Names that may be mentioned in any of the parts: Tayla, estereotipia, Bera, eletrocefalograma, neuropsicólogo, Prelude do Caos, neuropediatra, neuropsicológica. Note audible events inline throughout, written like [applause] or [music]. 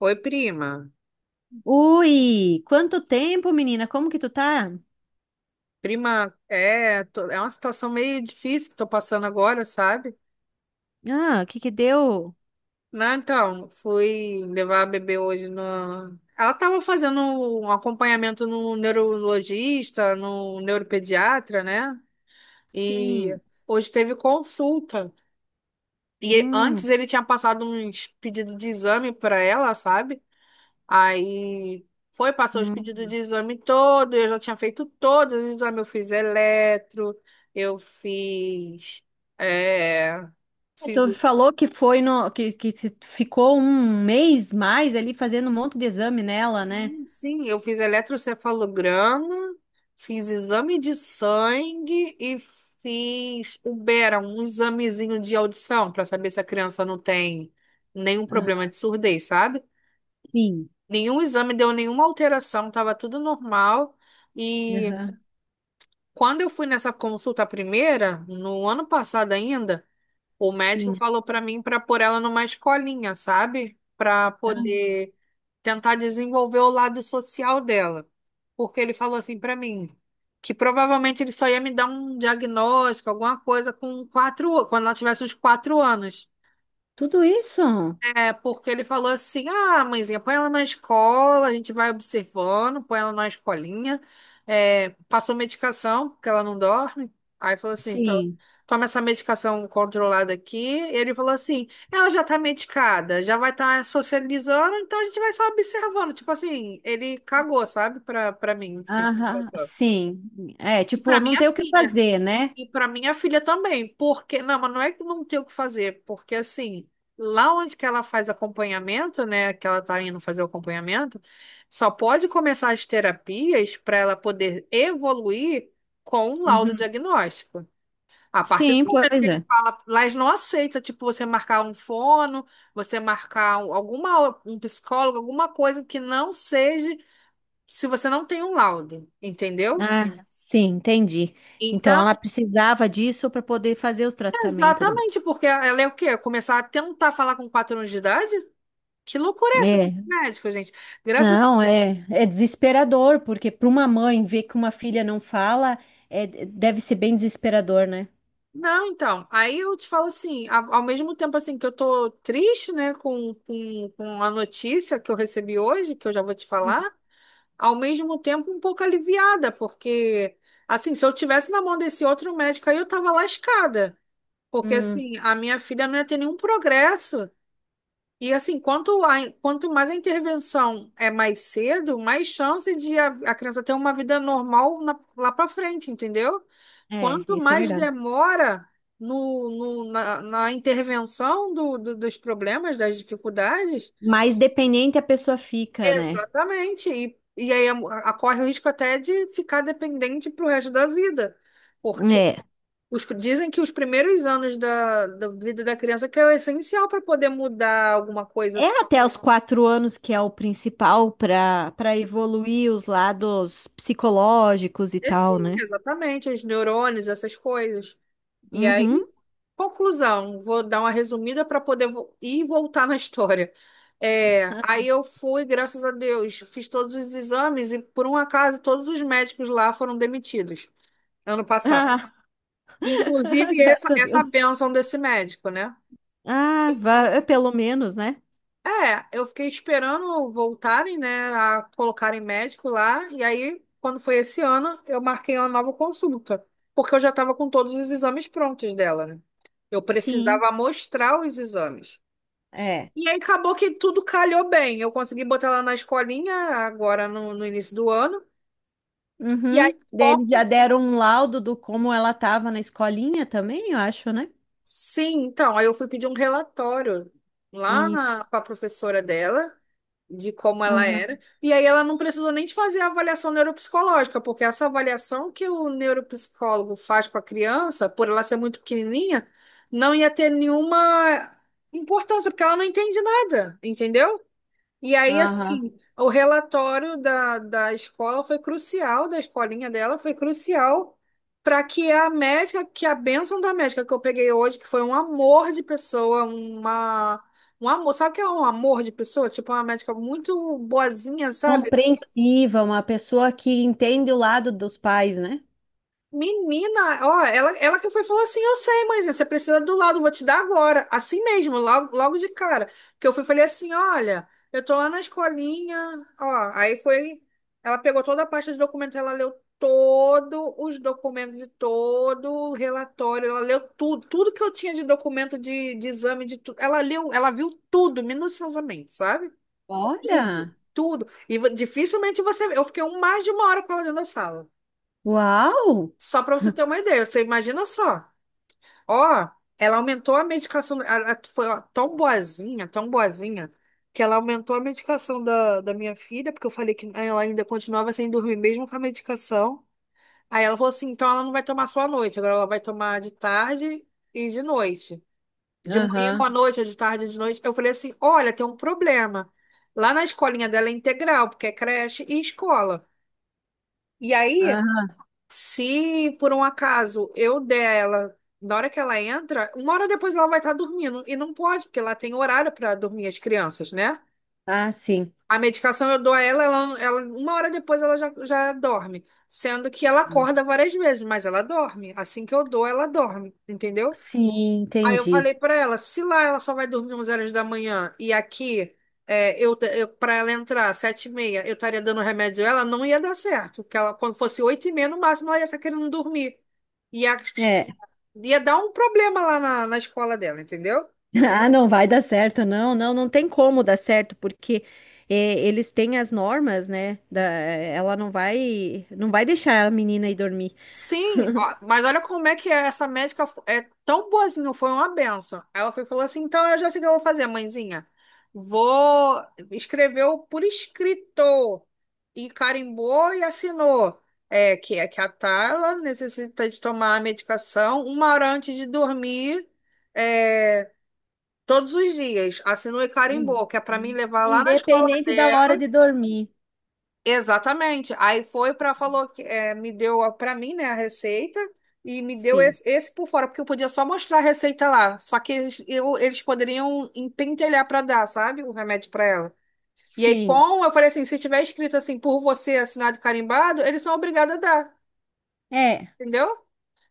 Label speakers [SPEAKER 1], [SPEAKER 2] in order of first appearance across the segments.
[SPEAKER 1] Oi, prima.
[SPEAKER 2] Ui, quanto tempo, menina? Como que tu tá?
[SPEAKER 1] Prima, é uma situação meio difícil que tô passando agora, sabe?
[SPEAKER 2] Ah, o que que deu?
[SPEAKER 1] Não, então, fui levar a bebê hoje no. Ela estava fazendo um acompanhamento no neurologista, no neuropediatra, né? E
[SPEAKER 2] Sim.
[SPEAKER 1] hoje teve consulta. E
[SPEAKER 2] Hum,
[SPEAKER 1] antes ele tinha passado uns pedidos de exame para ela, sabe? Aí foi, passou os pedidos de
[SPEAKER 2] hum.
[SPEAKER 1] exame todo, eu já tinha feito todos os exames, eu fiz eletro, eu fiz, é,
[SPEAKER 2] É,
[SPEAKER 1] fiz,
[SPEAKER 2] tu
[SPEAKER 1] o-
[SPEAKER 2] falou que foi no que ficou um mês mais ali fazendo um monte de exame nela, né?
[SPEAKER 1] sim, sim, eu fiz eletrocefalograma, fiz exame de sangue e fiz o Bera, um examezinho de audição para saber se a criança não tem nenhum
[SPEAKER 2] Aham.
[SPEAKER 1] problema de surdez, sabe?
[SPEAKER 2] Sim.
[SPEAKER 1] Nenhum exame deu nenhuma alteração, tava tudo normal. E
[SPEAKER 2] Aham.
[SPEAKER 1] Quando eu fui nessa consulta primeira, no ano passado ainda, o médico
[SPEAKER 2] Sim.
[SPEAKER 1] falou pra mim pra pôr ela numa escolinha, sabe? Pra
[SPEAKER 2] Ah,
[SPEAKER 1] poder tentar desenvolver o lado social dela. Porque ele falou assim pra mim que provavelmente ele só ia me dar um diagnóstico, alguma coisa com quatro, quando ela tivesse uns quatro anos.
[SPEAKER 2] tudo isso?
[SPEAKER 1] É, porque ele falou assim: ah, mãezinha, põe ela na escola, a gente vai observando, põe ela na escolinha. É, passou medicação, porque ela não dorme. Aí falou assim:
[SPEAKER 2] Sim.
[SPEAKER 1] toma essa medicação controlada aqui. Ele falou assim: ela já tá medicada, já vai estar tá socializando, então a gente vai só observando. Tipo assim, ele cagou, sabe? Pra mim, assim.
[SPEAKER 2] Aham. Sim. É,
[SPEAKER 1] E
[SPEAKER 2] tipo,
[SPEAKER 1] pra
[SPEAKER 2] não
[SPEAKER 1] minha
[SPEAKER 2] tem o que
[SPEAKER 1] filha.
[SPEAKER 2] fazer, né?
[SPEAKER 1] E para minha filha também, porque não, mas não é que não tem o que fazer, porque assim, lá onde que ela faz acompanhamento, né, que ela tá indo fazer o acompanhamento, só pode começar as terapias para ela poder evoluir com um laudo
[SPEAKER 2] Uhum.
[SPEAKER 1] diagnóstico. A partir do
[SPEAKER 2] Sim, pois
[SPEAKER 1] momento que ele
[SPEAKER 2] é.
[SPEAKER 1] fala, lá eles não aceita, tipo, você marcar um fono, você marcar um- alguma um psicólogo, alguma coisa que não seja se você não tem um laudo, entendeu?
[SPEAKER 2] Ah, sim, entendi. Então
[SPEAKER 1] Então,
[SPEAKER 2] ela precisava disso para poder fazer os tratamentos dela.
[SPEAKER 1] exatamente, porque ela é o quê? Começar a tentar falar com quatro anos de idade? Que loucura é essa
[SPEAKER 2] É,
[SPEAKER 1] desse médico, gente? Graças.
[SPEAKER 2] não, é, é desesperador, porque para uma mãe ver que uma filha não fala, é, deve ser bem desesperador, né?
[SPEAKER 1] Não, então. Aí eu te falo assim, ao mesmo tempo assim que eu tô triste, né, com a notícia que eu recebi hoje, que eu já vou te falar, ao mesmo tempo um pouco aliviada, porque assim, se eu tivesse na mão desse outro médico aí, eu tava lascada. Porque
[SPEAKER 2] Hum,
[SPEAKER 1] assim, a minha filha não ia ter nenhum progresso. E assim, quanto mais a intervenção é mais cedo, mais chance de a criança ter uma vida normal lá para frente, entendeu?
[SPEAKER 2] é,
[SPEAKER 1] Quanto
[SPEAKER 2] isso é
[SPEAKER 1] mais
[SPEAKER 2] verdade.
[SPEAKER 1] demora na intervenção dos problemas, das dificuldades,
[SPEAKER 2] Mais dependente a pessoa fica, né?
[SPEAKER 1] exatamente. E aí corre o risco até de ficar dependente para o resto da vida, porque
[SPEAKER 2] É.
[SPEAKER 1] dizem que os primeiros anos da vida da criança que é o essencial para poder mudar alguma coisa.
[SPEAKER 2] É até os 4 anos que é o principal para evoluir os lados psicológicos e
[SPEAKER 1] É sim,
[SPEAKER 2] tal, né?
[SPEAKER 1] exatamente, os neurônios, essas coisas. E
[SPEAKER 2] Uhum.
[SPEAKER 1] aí, conclusão, vou dar uma resumida para poder ir e voltar na história. É, aí eu fui, graças a Deus, fiz todos os exames e, por um acaso, todos os médicos lá foram demitidos ano passado.
[SPEAKER 2] Ah, [laughs]
[SPEAKER 1] Inclusive,
[SPEAKER 2] graças a
[SPEAKER 1] essa
[SPEAKER 2] Deus.
[SPEAKER 1] bênção desse médico, né?
[SPEAKER 2] Ah, vá, é pelo menos, né?
[SPEAKER 1] É, eu fiquei esperando voltarem, né, a colocarem médico lá, e aí, quando foi esse ano, eu marquei uma nova consulta, porque eu já estava com todos os exames prontos dela, né? Eu
[SPEAKER 2] Sim,
[SPEAKER 1] precisava mostrar os exames.
[SPEAKER 2] é.
[SPEAKER 1] E aí acabou que tudo calhou bem. Eu consegui botar ela na escolinha agora no início do ano. E aí,
[SPEAKER 2] Uhum. Daí eles já
[SPEAKER 1] como?
[SPEAKER 2] deram um laudo do como ela estava na escolinha também, eu acho, né?
[SPEAKER 1] Sim, então, aí eu fui pedir um relatório lá
[SPEAKER 2] Isso.
[SPEAKER 1] para a professora dela, de como ela
[SPEAKER 2] Uhum.
[SPEAKER 1] era. E aí ela não precisou nem de fazer a avaliação neuropsicológica, porque essa avaliação que o neuropsicólogo faz com a criança, por ela ser muito pequenininha, não ia ter nenhuma importância, porque ela não entende nada, entendeu? E aí,
[SPEAKER 2] Aham.
[SPEAKER 1] assim, o relatório da escola foi crucial, da escolinha dela foi crucial para que a médica, que a bênção da médica que eu peguei hoje, que foi um amor de pessoa, uma, um amor, sabe o que é um amor de pessoa? Tipo, uma médica muito boazinha, sabe?
[SPEAKER 2] Compreensiva, uma pessoa que entende o lado dos pais, né?
[SPEAKER 1] Menina, ó, ela que foi e falou assim, eu sei, mãezinha, você precisa do laudo, vou te dar agora, assim mesmo, logo, logo de cara, que eu fui falei assim, olha, eu tô lá na escolinha, ó, aí foi, ela pegou toda a pasta de documentos, ela leu todos os documentos e todo o relatório, ela leu tudo, tudo que eu tinha de documento de exame, de tudo, ela leu, ela viu tudo, minuciosamente, sabe? Tudo,
[SPEAKER 2] Olha!
[SPEAKER 1] tudo, e dificilmente você, eu fiquei mais de uma hora com ela dentro da sala.
[SPEAKER 2] Uau!
[SPEAKER 1] Só para você ter uma ideia, você imagina só. Ó, ela aumentou a medicação. Ela foi ó, tão boazinha, que ela aumentou a medicação da minha filha, porque eu falei que ela ainda continuava sem dormir mesmo com a medicação. Aí ela falou assim: então ela não vai tomar só à noite, agora ela vai tomar de tarde e de noite. De manhã
[SPEAKER 2] Aham.
[SPEAKER 1] à noite, ou de tarde e de noite. Eu falei assim: olha, tem um problema. Lá na escolinha dela é integral, porque é creche e escola. E aí.
[SPEAKER 2] Aham.
[SPEAKER 1] Se por um acaso eu der ela na hora que ela entra, uma hora depois ela vai estar dormindo. E não pode, porque ela tem horário para dormir as crianças, né?
[SPEAKER 2] Ah, sim.
[SPEAKER 1] A medicação eu dou a ela, uma hora depois ela já dorme. Sendo que ela acorda várias vezes, mas ela dorme. Assim que eu dou, ela dorme, entendeu?
[SPEAKER 2] Sim,
[SPEAKER 1] Aí eu falei
[SPEAKER 2] entendi.
[SPEAKER 1] pra ela, se lá ela só vai dormir 11 horas da manhã e aqui é, eu para ela entrar sete e meia, eu estaria dando remédio a ela, não ia dar certo, porque ela quando fosse oito e meia no máximo ela ia estar querendo dormir. Ia,
[SPEAKER 2] É,
[SPEAKER 1] ia dar um problema lá na escola dela, entendeu?
[SPEAKER 2] [laughs] Ah, não vai dar certo, não, não, não tem como dar certo, porque eles têm as normas, né? Da, ela não vai, não vai deixar a menina ir dormir.
[SPEAKER 1] Sim, ó, mas olha como é que é, essa médica é tão boazinha, foi uma benção. Ela foi, e falou assim: então eu já sei o que eu vou fazer, mãezinha. Vou. Escreveu por escrito e carimbou e assinou. É que a Tayla necessita de tomar a medicação uma hora antes de dormir, é, todos os dias. Assinou e
[SPEAKER 2] Hum.
[SPEAKER 1] carimbou, que é para mim levar lá na escola
[SPEAKER 2] Independente da hora
[SPEAKER 1] dela.
[SPEAKER 2] de dormir.
[SPEAKER 1] Exatamente. Aí foi para falou que é, me deu para mim, né, a receita e me deu
[SPEAKER 2] Sim,
[SPEAKER 1] esse, esse por fora, porque eu podia só mostrar a receita lá, só que eles poderiam empentelhar para dar, sabe, o remédio para ela. E aí
[SPEAKER 2] sim,
[SPEAKER 1] com, eu falei assim, se tiver escrito assim por você, assinado e carimbado, eles são obrigados a dar,
[SPEAKER 2] é,
[SPEAKER 1] entendeu?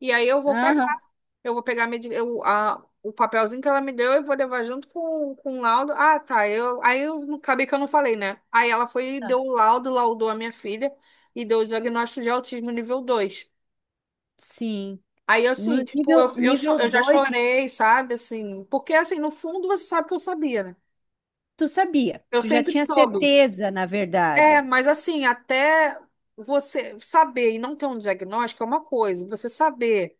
[SPEAKER 1] E aí eu vou
[SPEAKER 2] aham,
[SPEAKER 1] eu vou pegar a o papelzinho que ela me deu e vou levar junto com o laudo. Ah, tá. Eu, aí eu não- acabei que eu não falei, né? Aí ela foi e
[SPEAKER 2] tá,
[SPEAKER 1] deu o laudo, laudou a minha filha e deu o diagnóstico de autismo nível 2.
[SPEAKER 2] sim.
[SPEAKER 1] Aí, assim,
[SPEAKER 2] No
[SPEAKER 1] tipo,
[SPEAKER 2] nível, nível
[SPEAKER 1] eu já
[SPEAKER 2] 2,
[SPEAKER 1] chorei, sabe? Assim, porque, assim, no fundo você sabe que eu sabia, né?
[SPEAKER 2] tu sabia,
[SPEAKER 1] Eu
[SPEAKER 2] tu já
[SPEAKER 1] sempre
[SPEAKER 2] tinha
[SPEAKER 1] soube.
[SPEAKER 2] certeza, na
[SPEAKER 1] É,
[SPEAKER 2] verdade.
[SPEAKER 1] mas, assim, até você saber e não ter um diagnóstico é uma coisa. Você saber.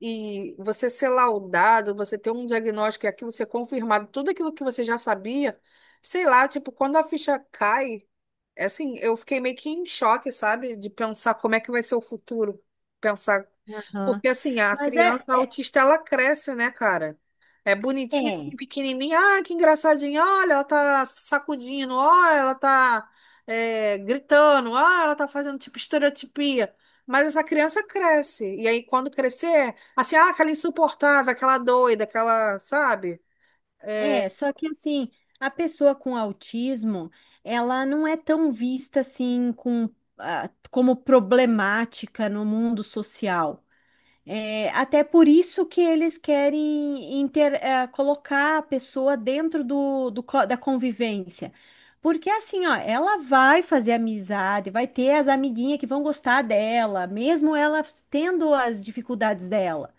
[SPEAKER 1] E você ser laudado, você ter um diagnóstico e aquilo ser confirmado, tudo aquilo que você já sabia, sei lá, tipo, quando a ficha cai é assim, eu fiquei meio que em choque, sabe? De pensar como é que vai ser o futuro. Pensar.
[SPEAKER 2] Aham.
[SPEAKER 1] Porque, assim, a
[SPEAKER 2] Mas é,
[SPEAKER 1] criança autista, ela cresce, né, cara? É bonitinha, assim,
[SPEAKER 2] é.
[SPEAKER 1] pequenininha. Ah, que engraçadinha. Olha, ela tá sacudindo. Olha, ela tá é, gritando. Olha, ela tá fazendo, tipo, estereotipia. Mas essa criança cresce. E aí, quando crescer, assim, ah, aquela insuportável, aquela doida, aquela, sabe?
[SPEAKER 2] É,
[SPEAKER 1] É,
[SPEAKER 2] só que assim, a pessoa com autismo, ela não é tão vista assim com, ah, como problemática no mundo social. É, até por isso que eles querem colocar a pessoa dentro da convivência. Porque assim, ó, ela vai fazer amizade, vai ter as amiguinhas que vão gostar dela, mesmo ela tendo as dificuldades dela.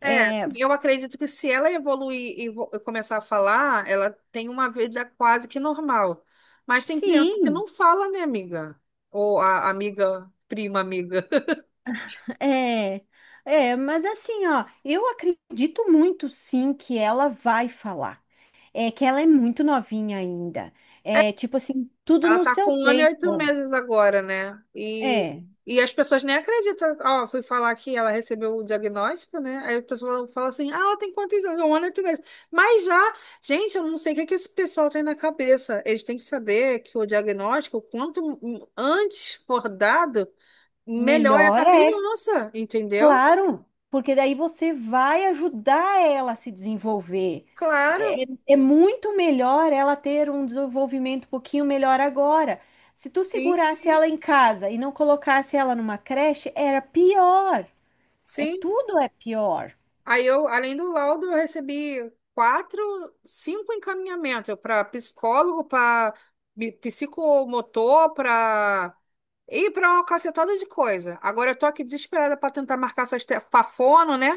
[SPEAKER 1] é,
[SPEAKER 2] É,
[SPEAKER 1] assim, eu acredito que se ela evoluir e começar a falar, ela tem uma vida quase que normal. Mas tem criança que
[SPEAKER 2] sim,
[SPEAKER 1] não fala, né, amiga? Ou a amiga, prima amiga. [laughs]
[SPEAKER 2] é, é, mas assim, ó, eu acredito muito sim que ela vai falar. É que ela é muito novinha ainda. É tipo assim, tudo
[SPEAKER 1] Ela
[SPEAKER 2] no
[SPEAKER 1] tá
[SPEAKER 2] seu
[SPEAKER 1] com um ano e oito
[SPEAKER 2] tempo.
[SPEAKER 1] meses agora, né?
[SPEAKER 2] Né? É,
[SPEAKER 1] E as pessoas nem acreditam. Ó, fui falar que ela recebeu o diagnóstico, né? Aí as pessoas falam assim: ah, ela tem quantos anos? Um ano e oito meses. Mas já, gente, eu não sei o que é que esse pessoal tem na cabeça. Eles têm que saber que o diagnóstico, quanto antes for dado, melhor é
[SPEAKER 2] melhor
[SPEAKER 1] para
[SPEAKER 2] é,
[SPEAKER 1] criança, entendeu?
[SPEAKER 2] claro, porque daí você vai ajudar ela a se desenvolver.
[SPEAKER 1] Claro,
[SPEAKER 2] É, é muito melhor ela ter um desenvolvimento um pouquinho melhor agora. Se tu
[SPEAKER 1] sim,
[SPEAKER 2] segurasse
[SPEAKER 1] sim,
[SPEAKER 2] ela em casa e não colocasse ela numa creche, era pior. É
[SPEAKER 1] sim.
[SPEAKER 2] tudo é pior.
[SPEAKER 1] Aí eu, além do laudo, eu recebi quatro, cinco encaminhamentos para psicólogo, para psicomotor, para e para uma cacetada de coisa. Agora eu tô aqui desesperada para tentar marcar essas te... pra fono, né?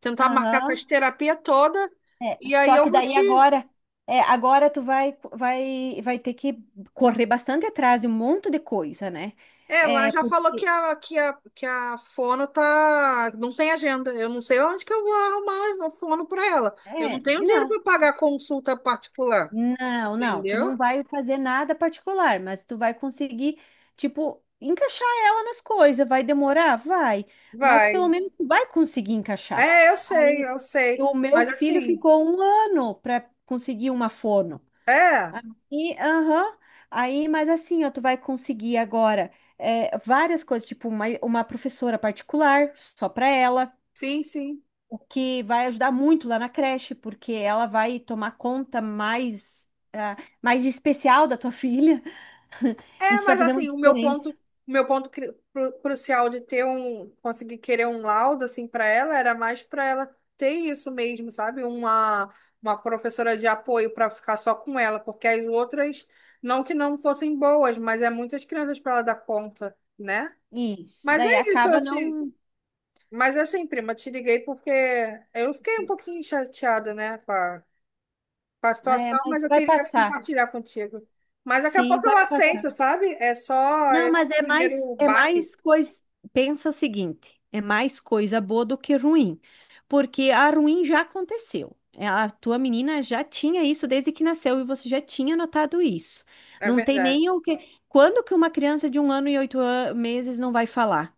[SPEAKER 1] Tentar marcar essas
[SPEAKER 2] Aham.
[SPEAKER 1] terapias toda.
[SPEAKER 2] É,
[SPEAKER 1] E aí
[SPEAKER 2] só
[SPEAKER 1] eu
[SPEAKER 2] que
[SPEAKER 1] vou
[SPEAKER 2] daí
[SPEAKER 1] te.
[SPEAKER 2] agora, é, agora tu vai ter que correr bastante atrás de um monte de coisa, né?
[SPEAKER 1] Ela
[SPEAKER 2] É,
[SPEAKER 1] já falou que
[SPEAKER 2] porque,
[SPEAKER 1] que a fono tá, não tem agenda. Eu não sei onde que eu vou arrumar a fono para ela. Eu não
[SPEAKER 2] é,
[SPEAKER 1] tenho dinheiro
[SPEAKER 2] não,
[SPEAKER 1] para pagar consulta particular,
[SPEAKER 2] não, não, tu não
[SPEAKER 1] entendeu?
[SPEAKER 2] vai fazer nada particular, mas tu vai conseguir, tipo, encaixar ela nas coisas. Vai demorar? Vai, mas pelo
[SPEAKER 1] Vai.
[SPEAKER 2] menos tu vai conseguir encaixar.
[SPEAKER 1] É, eu sei,
[SPEAKER 2] Aí,
[SPEAKER 1] eu sei.
[SPEAKER 2] o meu
[SPEAKER 1] Mas
[SPEAKER 2] filho
[SPEAKER 1] assim,
[SPEAKER 2] ficou um ano para conseguir uma fono.
[SPEAKER 1] é,
[SPEAKER 2] E, aham, aí, mas assim, ó, tu vai conseguir agora é, várias coisas, tipo uma professora particular, só para ela,
[SPEAKER 1] sim, sim.
[SPEAKER 2] o que vai ajudar muito lá na creche, porque ela vai tomar conta mais, ah, mais especial da tua filha. [laughs]
[SPEAKER 1] É,
[SPEAKER 2] Isso vai
[SPEAKER 1] mas
[SPEAKER 2] fazer uma
[SPEAKER 1] assim, o meu ponto,
[SPEAKER 2] diferença.
[SPEAKER 1] o meu ponto crucial de ter um, conseguir querer um laudo assim para ela era mais para ela ter isso mesmo, sabe? Uma professora de apoio para ficar só com ela, porque as outras não que não fossem boas, mas é muitas crianças para ela dar conta, né?
[SPEAKER 2] Isso.
[SPEAKER 1] Mas
[SPEAKER 2] Daí
[SPEAKER 1] é isso, eu
[SPEAKER 2] acaba
[SPEAKER 1] te,
[SPEAKER 2] não.
[SPEAKER 1] mas assim, prima, te liguei porque eu fiquei um pouquinho chateada, né, com a
[SPEAKER 2] É,
[SPEAKER 1] situação, mas
[SPEAKER 2] mas
[SPEAKER 1] eu
[SPEAKER 2] vai
[SPEAKER 1] queria
[SPEAKER 2] passar.
[SPEAKER 1] compartilhar contigo. Mas daqui a
[SPEAKER 2] Sim,
[SPEAKER 1] pouco eu
[SPEAKER 2] vai passar.
[SPEAKER 1] aceito, sabe? É só
[SPEAKER 2] Não,
[SPEAKER 1] esse
[SPEAKER 2] mas
[SPEAKER 1] primeiro
[SPEAKER 2] é
[SPEAKER 1] baque.
[SPEAKER 2] mais coisa. Pensa o seguinte, é mais coisa boa do que ruim, porque a ruim já aconteceu. É, a tua menina já tinha isso desde que nasceu e você já tinha notado isso.
[SPEAKER 1] É
[SPEAKER 2] Não tem
[SPEAKER 1] verdade,
[SPEAKER 2] nem o que. Quando que uma criança de um ano e oito meses não vai falar?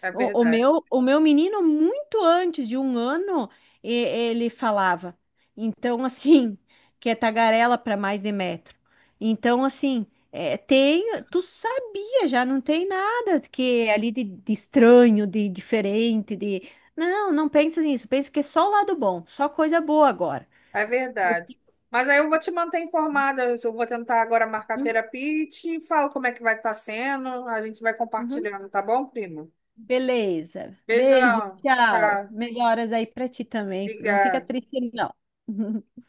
[SPEAKER 1] é
[SPEAKER 2] O
[SPEAKER 1] verdade,
[SPEAKER 2] meu, o meu menino, muito antes de um ano, ele falava. Então, assim, [laughs] que é tagarela para mais de metro. Então, assim, é, tem, tu sabia, já não tem nada que é ali de estranho, de diferente, de. Não, não pensa nisso, pensa que é só o lado bom, só coisa boa agora.
[SPEAKER 1] é verdade. Mas aí eu vou te manter informada. Eu vou tentar agora marcar
[SPEAKER 2] Uhum,
[SPEAKER 1] terapia e te falo como é que vai estar sendo. A gente vai
[SPEAKER 2] uhum.
[SPEAKER 1] compartilhando, tá bom, primo?
[SPEAKER 2] Beleza. Beijo,
[SPEAKER 1] Beijão.
[SPEAKER 2] tchau.
[SPEAKER 1] Tá.
[SPEAKER 2] Melhoras aí para ti também. Não fica
[SPEAKER 1] Obrigada.
[SPEAKER 2] triste, não. [laughs]